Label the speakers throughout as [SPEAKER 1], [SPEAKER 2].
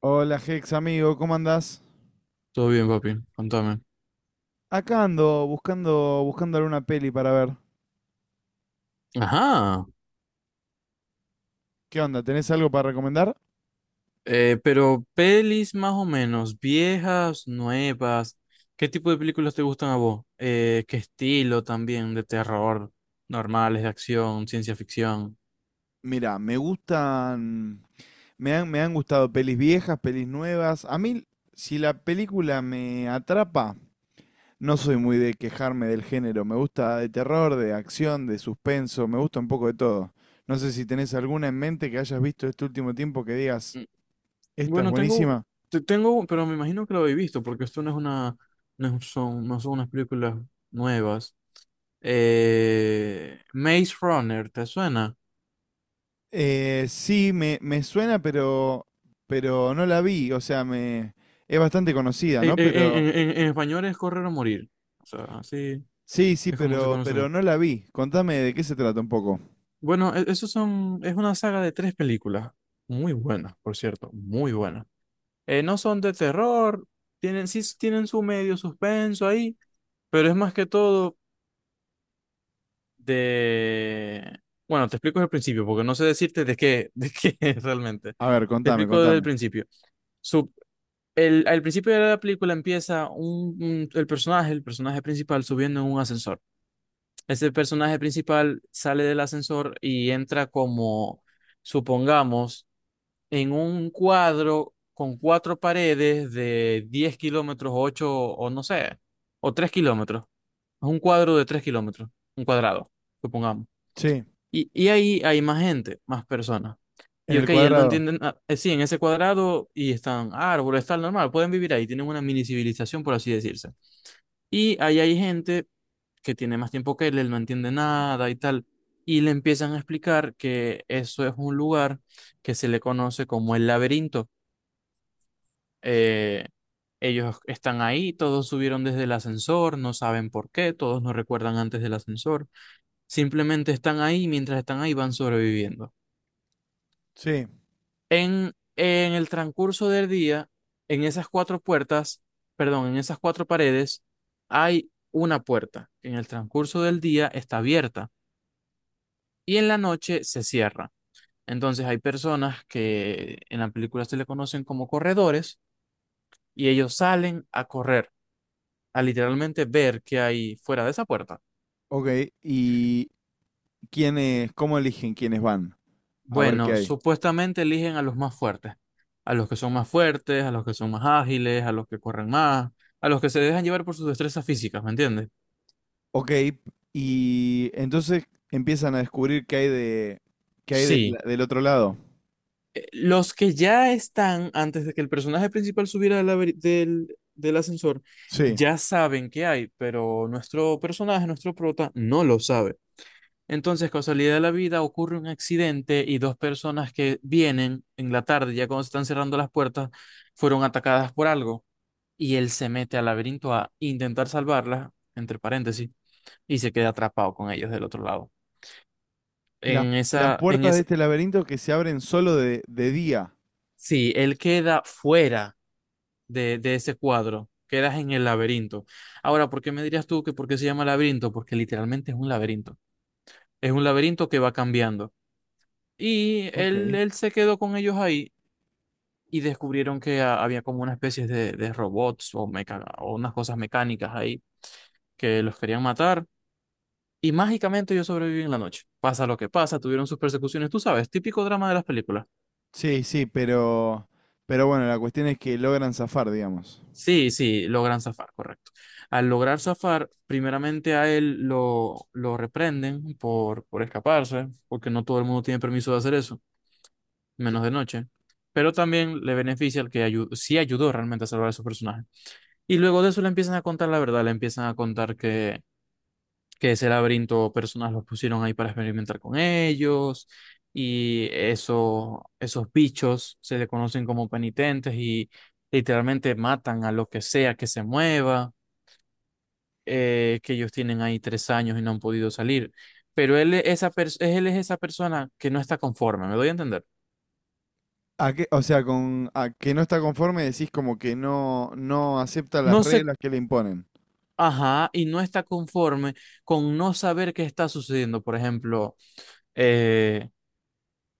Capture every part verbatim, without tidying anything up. [SPEAKER 1] Hola Hex, amigo, ¿cómo andás?
[SPEAKER 2] Todo bien, papi. Contame.
[SPEAKER 1] Acá ando buscando, buscando alguna peli para ver.
[SPEAKER 2] Ajá.
[SPEAKER 1] ¿Qué onda? ¿Tenés algo para recomendar?
[SPEAKER 2] Eh, pero pelis más o menos, viejas, nuevas. ¿Qué tipo de películas te gustan a vos? Eh, ¿qué estilo también? ¿De terror? Normales, de acción, ciencia ficción.
[SPEAKER 1] Mira, me gustan, me han, me han gustado pelis viejas, pelis nuevas. A mí, si la película me atrapa, no soy muy de quejarme del género. Me gusta de terror, de acción, de suspenso, me gusta un poco de todo. No sé si tenés alguna en mente que hayas visto este último tiempo que digas,
[SPEAKER 2] Mm,
[SPEAKER 1] esta es
[SPEAKER 2] Bueno, tengo,
[SPEAKER 1] buenísima.
[SPEAKER 2] te tengo, pero me imagino que lo habéis visto, porque esto no es una, no son, no son unas películas nuevas. Eh, Maze Runner, ¿te suena?
[SPEAKER 1] Eh, sí, me, me suena, pero, pero no la vi. O sea, me, es bastante conocida,
[SPEAKER 2] Eh,
[SPEAKER 1] ¿no?
[SPEAKER 2] eh, en,
[SPEAKER 1] Pero
[SPEAKER 2] en en- en español es Correr o Morir. O sea, así
[SPEAKER 1] sí, sí,
[SPEAKER 2] es como se
[SPEAKER 1] pero,
[SPEAKER 2] conoce.
[SPEAKER 1] pero no la vi. Contame de qué se trata un poco.
[SPEAKER 2] Bueno, e- esos son, es una saga de tres películas, muy buenas, por cierto, muy buenas. Eh, no son de terror, tienen, sí s- tienen su medio suspenso ahí, pero es más que todo de... Bueno, te explico desde el principio, porque no sé decirte de qué, de qué es realmente.
[SPEAKER 1] A ver,
[SPEAKER 2] Te
[SPEAKER 1] contame,
[SPEAKER 2] explico desde el
[SPEAKER 1] contame.
[SPEAKER 2] principio. Su- el, Al principio de la película empieza un, un- el personaje, el personaje principal subiendo en un ascensor. Ese personaje principal sale del ascensor y entra como, supongamos, en un cuadro con cuatro paredes de diez kilómetros, ocho o no sé, o tres kilómetros. Es un cuadro de tres kilómetros, un cuadrado, supongamos.
[SPEAKER 1] Sí,
[SPEAKER 2] Y, y ahí hay más gente, más personas.
[SPEAKER 1] en
[SPEAKER 2] Y
[SPEAKER 1] el
[SPEAKER 2] ok, él no
[SPEAKER 1] cuadrado.
[SPEAKER 2] entiende nada. Eh, sí, en ese cuadrado y están árboles, tal, normal, pueden vivir ahí, tienen una mini civilización, por así decirse. Y ahí hay gente que tiene más tiempo que él, él no entiende nada y tal. Y le empiezan a explicar que eso es un lugar que se le conoce como el laberinto. Eh, ellos están ahí, todos subieron desde el ascensor, no saben por qué, todos no recuerdan antes del ascensor, simplemente están ahí, y mientras están ahí van sobreviviendo.
[SPEAKER 1] Sí,
[SPEAKER 2] En, en el transcurso del día, en esas cuatro puertas, perdón, en esas cuatro paredes, hay una puerta que en el transcurso del día está abierta y en la noche se cierra. Entonces hay personas que en la película se le conocen como corredores y ellos salen a correr a literalmente ver qué hay fuera de esa puerta.
[SPEAKER 1] ok. ¿Y quiénes, cómo eligen quiénes van? A ver qué
[SPEAKER 2] Bueno,
[SPEAKER 1] hay.
[SPEAKER 2] supuestamente eligen a los más fuertes, a los que son más fuertes, a los que son más ágiles, a los que corren más, a los que se dejan llevar por sus destrezas físicas, ¿me entiendes?
[SPEAKER 1] Ok, y entonces empiezan a descubrir qué hay de, qué hay del,
[SPEAKER 2] Sí,
[SPEAKER 1] del otro lado.
[SPEAKER 2] eh, los que ya están, antes de que el personaje principal subiera del, laberi- del, del ascensor,
[SPEAKER 1] Sí.
[SPEAKER 2] ya saben qué hay, pero nuestro personaje, nuestro prota, no lo sabe. Entonces, casualidad de la vida, ocurre un accidente y dos personas que vienen en la tarde, ya cuando se están cerrando las puertas, fueron atacadas por algo. Y él se mete al laberinto a intentar salvarlas, entre paréntesis, y se queda atrapado con ellos del otro lado.
[SPEAKER 1] Las,
[SPEAKER 2] En
[SPEAKER 1] las
[SPEAKER 2] esa, en
[SPEAKER 1] puertas de
[SPEAKER 2] esa,
[SPEAKER 1] este laberinto que se abren solo de, de día.
[SPEAKER 2] sí, él queda fuera de, de ese cuadro, quedas en el laberinto. Ahora, ¿por qué me dirías tú que por qué se llama laberinto? Porque literalmente es un laberinto. Es un laberinto que va cambiando. Y
[SPEAKER 1] Ok.
[SPEAKER 2] él, él se quedó con ellos ahí y descubrieron que ha- había como una especie de, de robots o, meca- o unas cosas mecánicas ahí que los querían matar. Y mágicamente ellos sobreviven la noche. Pasa lo que pasa, tuvieron sus persecuciones, tú sabes, típico drama de las películas.
[SPEAKER 1] Sí, sí, pero, pero bueno, la cuestión es que logran zafar, digamos.
[SPEAKER 2] Sí, sí, logran zafar, correcto. Al lograr zafar, primeramente a él lo, lo reprenden por, por escaparse, porque no todo el mundo tiene permiso de hacer eso, menos de noche. Pero también le beneficia el que ayu- sí ayudó realmente a salvar a su personaje. Y luego de eso le empiezan a contar la verdad, le empiezan a contar que que ese laberinto personas los pusieron ahí para experimentar con ellos y eso, esos bichos se le conocen como penitentes y literalmente matan a lo que sea que se mueva, eh, que ellos tienen ahí tres años y no han podido salir. Pero él, es esa pers- él es esa persona que no está conforme, ¿me doy a entender?
[SPEAKER 1] ¿A qué- o sea, con a que no está conforme decís como que no, no acepta las
[SPEAKER 2] No se,
[SPEAKER 1] reglas que le imponen.
[SPEAKER 2] ajá, y no está conforme con no saber qué está sucediendo. Por ejemplo, eh,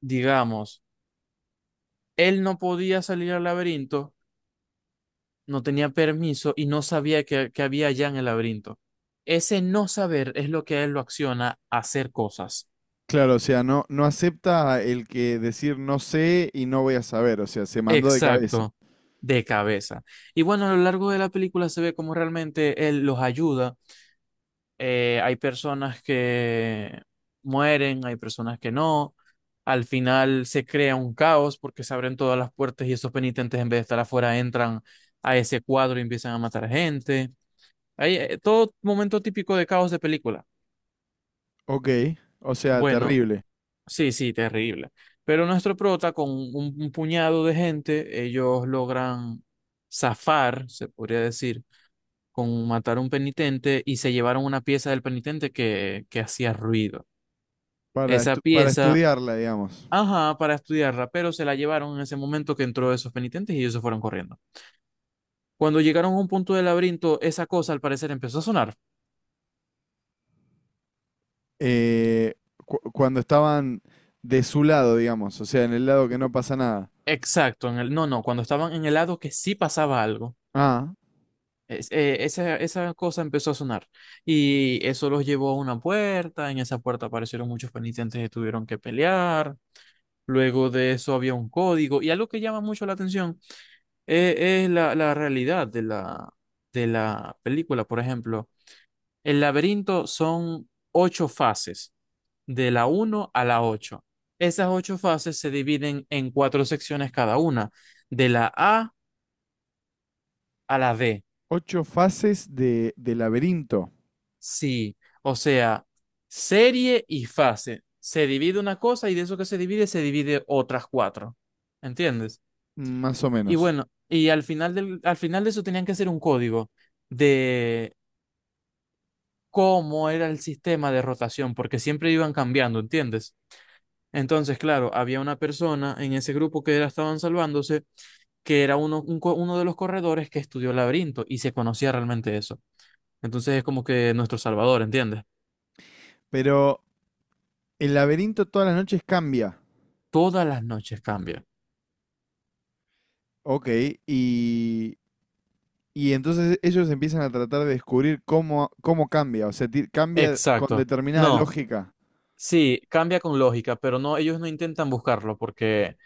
[SPEAKER 2] digamos, él no podía salir al laberinto, no tenía permiso y no sabía que, que había allá en el laberinto. Ese no saber es lo que a él lo acciona a hacer cosas.
[SPEAKER 1] Claro, o sea, no, no acepta el que decir no sé y no voy a saber, o sea, se mandó de cabeza.
[SPEAKER 2] Exacto, de cabeza. Y bueno, a lo largo de la película se ve cómo realmente él los ayuda. Eh, hay personas que mueren, hay personas que no. Al final se crea un caos porque se abren todas las puertas y esos penitentes en vez de estar afuera entran a ese cuadro y empiezan a matar gente. Hay, eh, todo momento típico de caos de película.
[SPEAKER 1] Ok, o sea,
[SPEAKER 2] Bueno,
[SPEAKER 1] terrible.
[SPEAKER 2] sí, sí, terrible. Pero nuestro prota, con un, un puñado de gente, ellos logran zafar, se podría decir, con matar a un penitente y se llevaron una pieza del penitente que, que hacía ruido.
[SPEAKER 1] Para
[SPEAKER 2] Esa
[SPEAKER 1] estu- para
[SPEAKER 2] pieza,
[SPEAKER 1] estudiarla, digamos.
[SPEAKER 2] ajá, para estudiarla, pero se la llevaron en ese momento que entró esos penitentes y ellos se fueron corriendo. Cuando llegaron a un punto del laberinto, esa cosa al parecer empezó a sonar.
[SPEAKER 1] Eh, cu- Cuando estaban de su lado, digamos, o sea, en el lado que no
[SPEAKER 2] Cu-
[SPEAKER 1] pasa nada.
[SPEAKER 2] Exacto, en el, no, no, cuando estaban en el lado que sí pasaba algo.
[SPEAKER 1] Ah,
[SPEAKER 2] Es- eh, esa, esa cosa empezó a sonar y eso los llevó a una puerta. En esa puerta aparecieron muchos penitentes que tuvieron que pelear. Luego de eso había un código. Y algo que llama mucho la atención, eh, es la, la realidad de la, de la película. Por ejemplo, el laberinto son ocho fases, de la uno a la ocho. Esas ocho fases se dividen en cuatro secciones cada una, de la A a la D.
[SPEAKER 1] ocho fases de, de laberinto.
[SPEAKER 2] Sí, o sea, serie y fase. Se divide una cosa y de eso que se divide, se divide otras cuatro. ¿Entiendes?
[SPEAKER 1] Más o
[SPEAKER 2] Y
[SPEAKER 1] menos.
[SPEAKER 2] bueno, y al final, del, al final de eso tenían que hacer un código de cómo era el sistema de rotación, porque siempre iban cambiando, ¿entiendes? Entonces, claro, había una persona en ese grupo que era, estaban salvándose, que era uno, un co- uno de los corredores que estudió laberinto y se conocía realmente eso. Entonces es como que nuestro salvador, ¿entiendes?
[SPEAKER 1] Pero el laberinto todas las noches cambia.
[SPEAKER 2] Todas las noches cambia.
[SPEAKER 1] Ok, y, y entonces ellos empiezan a tratar de descubrir cómo, cómo cambia. O sea, ti- cambia con
[SPEAKER 2] Exacto.
[SPEAKER 1] determinada
[SPEAKER 2] No,
[SPEAKER 1] lógica
[SPEAKER 2] sí, cambia con lógica, pero no, ellos no intentan buscarlo porque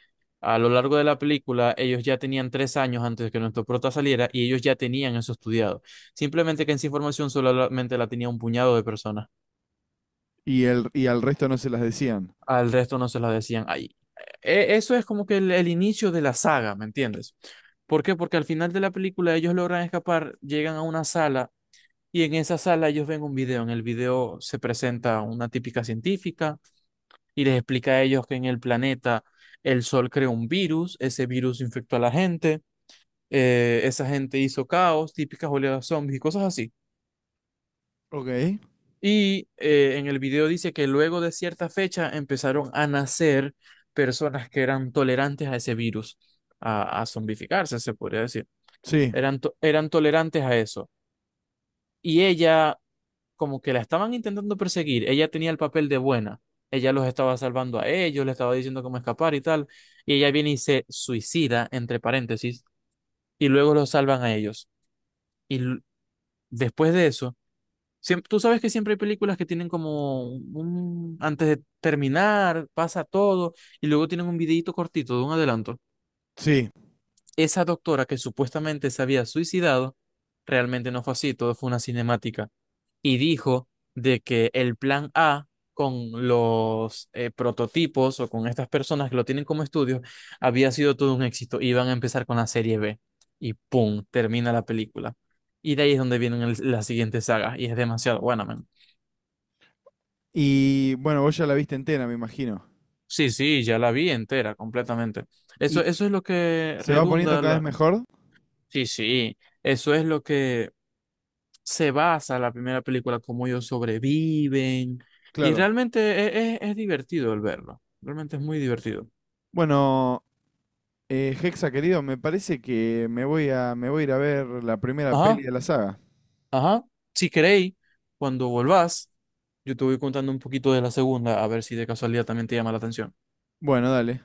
[SPEAKER 2] a lo largo de la película ellos ya tenían tres años antes de que nuestro prota saliera y ellos ya tenían eso estudiado. Simplemente que esa información solamente la tenía un puñado de personas.
[SPEAKER 1] y, el, y al resto no se las decían.
[SPEAKER 2] Al resto no se la decían. Ahí, e- eso es como que el, el inicio de la saga, ¿me entiendes? ¿Por qué? Porque al final de la película ellos logran escapar, llegan a una sala y en esa sala ellos ven un video. En el video se presenta una típica científica y les explica a ellos que en el planeta el sol creó un virus, ese virus infectó a la gente, eh, esa gente hizo caos, típicas oleadas zombies y cosas así.
[SPEAKER 1] Ok.
[SPEAKER 2] Y eh, en el video dice que luego de cierta fecha empezaron a nacer personas que eran tolerantes a ese virus, a, a zombificarse, se podría decir.
[SPEAKER 1] Sí,
[SPEAKER 2] Eran, to- eran tolerantes a eso. Y ella, como que la estaban intentando perseguir, ella tenía el papel de buena, ella los estaba salvando a ellos, le estaba diciendo cómo escapar y tal, y ella viene y se suicida, entre paréntesis, y luego los salvan a ellos. Y l- después de eso, siem- tú sabes que siempre hay películas que tienen como un, antes de terminar, pasa todo, y luego tienen un videíto cortito de un adelanto.
[SPEAKER 1] sí.
[SPEAKER 2] Esa doctora que supuestamente se había suicidado, realmente no fue así, todo fue una cinemática y dijo de que el plan A con los eh, prototipos o con estas personas que lo tienen como estudio había sido todo un éxito. Iban a empezar con la serie B y ¡pum! Termina la película. Y de ahí es donde vienen el- las siguientes sagas y es demasiado buena, man.
[SPEAKER 1] Y bueno, vos ya la viste entera, me imagino.
[SPEAKER 2] Sí, sí, ya la vi entera, completamente. Eso,
[SPEAKER 1] ¿Y
[SPEAKER 2] eso es lo que
[SPEAKER 1] se va poniendo
[SPEAKER 2] redunda
[SPEAKER 1] cada vez
[SPEAKER 2] la...
[SPEAKER 1] mejor?
[SPEAKER 2] Sí, sí, eso es lo que se basa la primera película, cómo ellos sobreviven. Y
[SPEAKER 1] Claro.
[SPEAKER 2] realmente es, es- es divertido el verlo. Realmente es muy divertido.
[SPEAKER 1] Bueno, eh, Hexa, querido, me parece que me voy a, me voy a ir a ver la primera peli
[SPEAKER 2] Ajá,
[SPEAKER 1] de la saga.
[SPEAKER 2] ajá. Si queréis, cuando volvás, yo te voy contando un poquito de la segunda, a ver si de casualidad también te llama la atención.
[SPEAKER 1] Bueno, dale.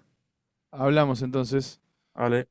[SPEAKER 1] Hablamos entonces.
[SPEAKER 2] ¿Vale?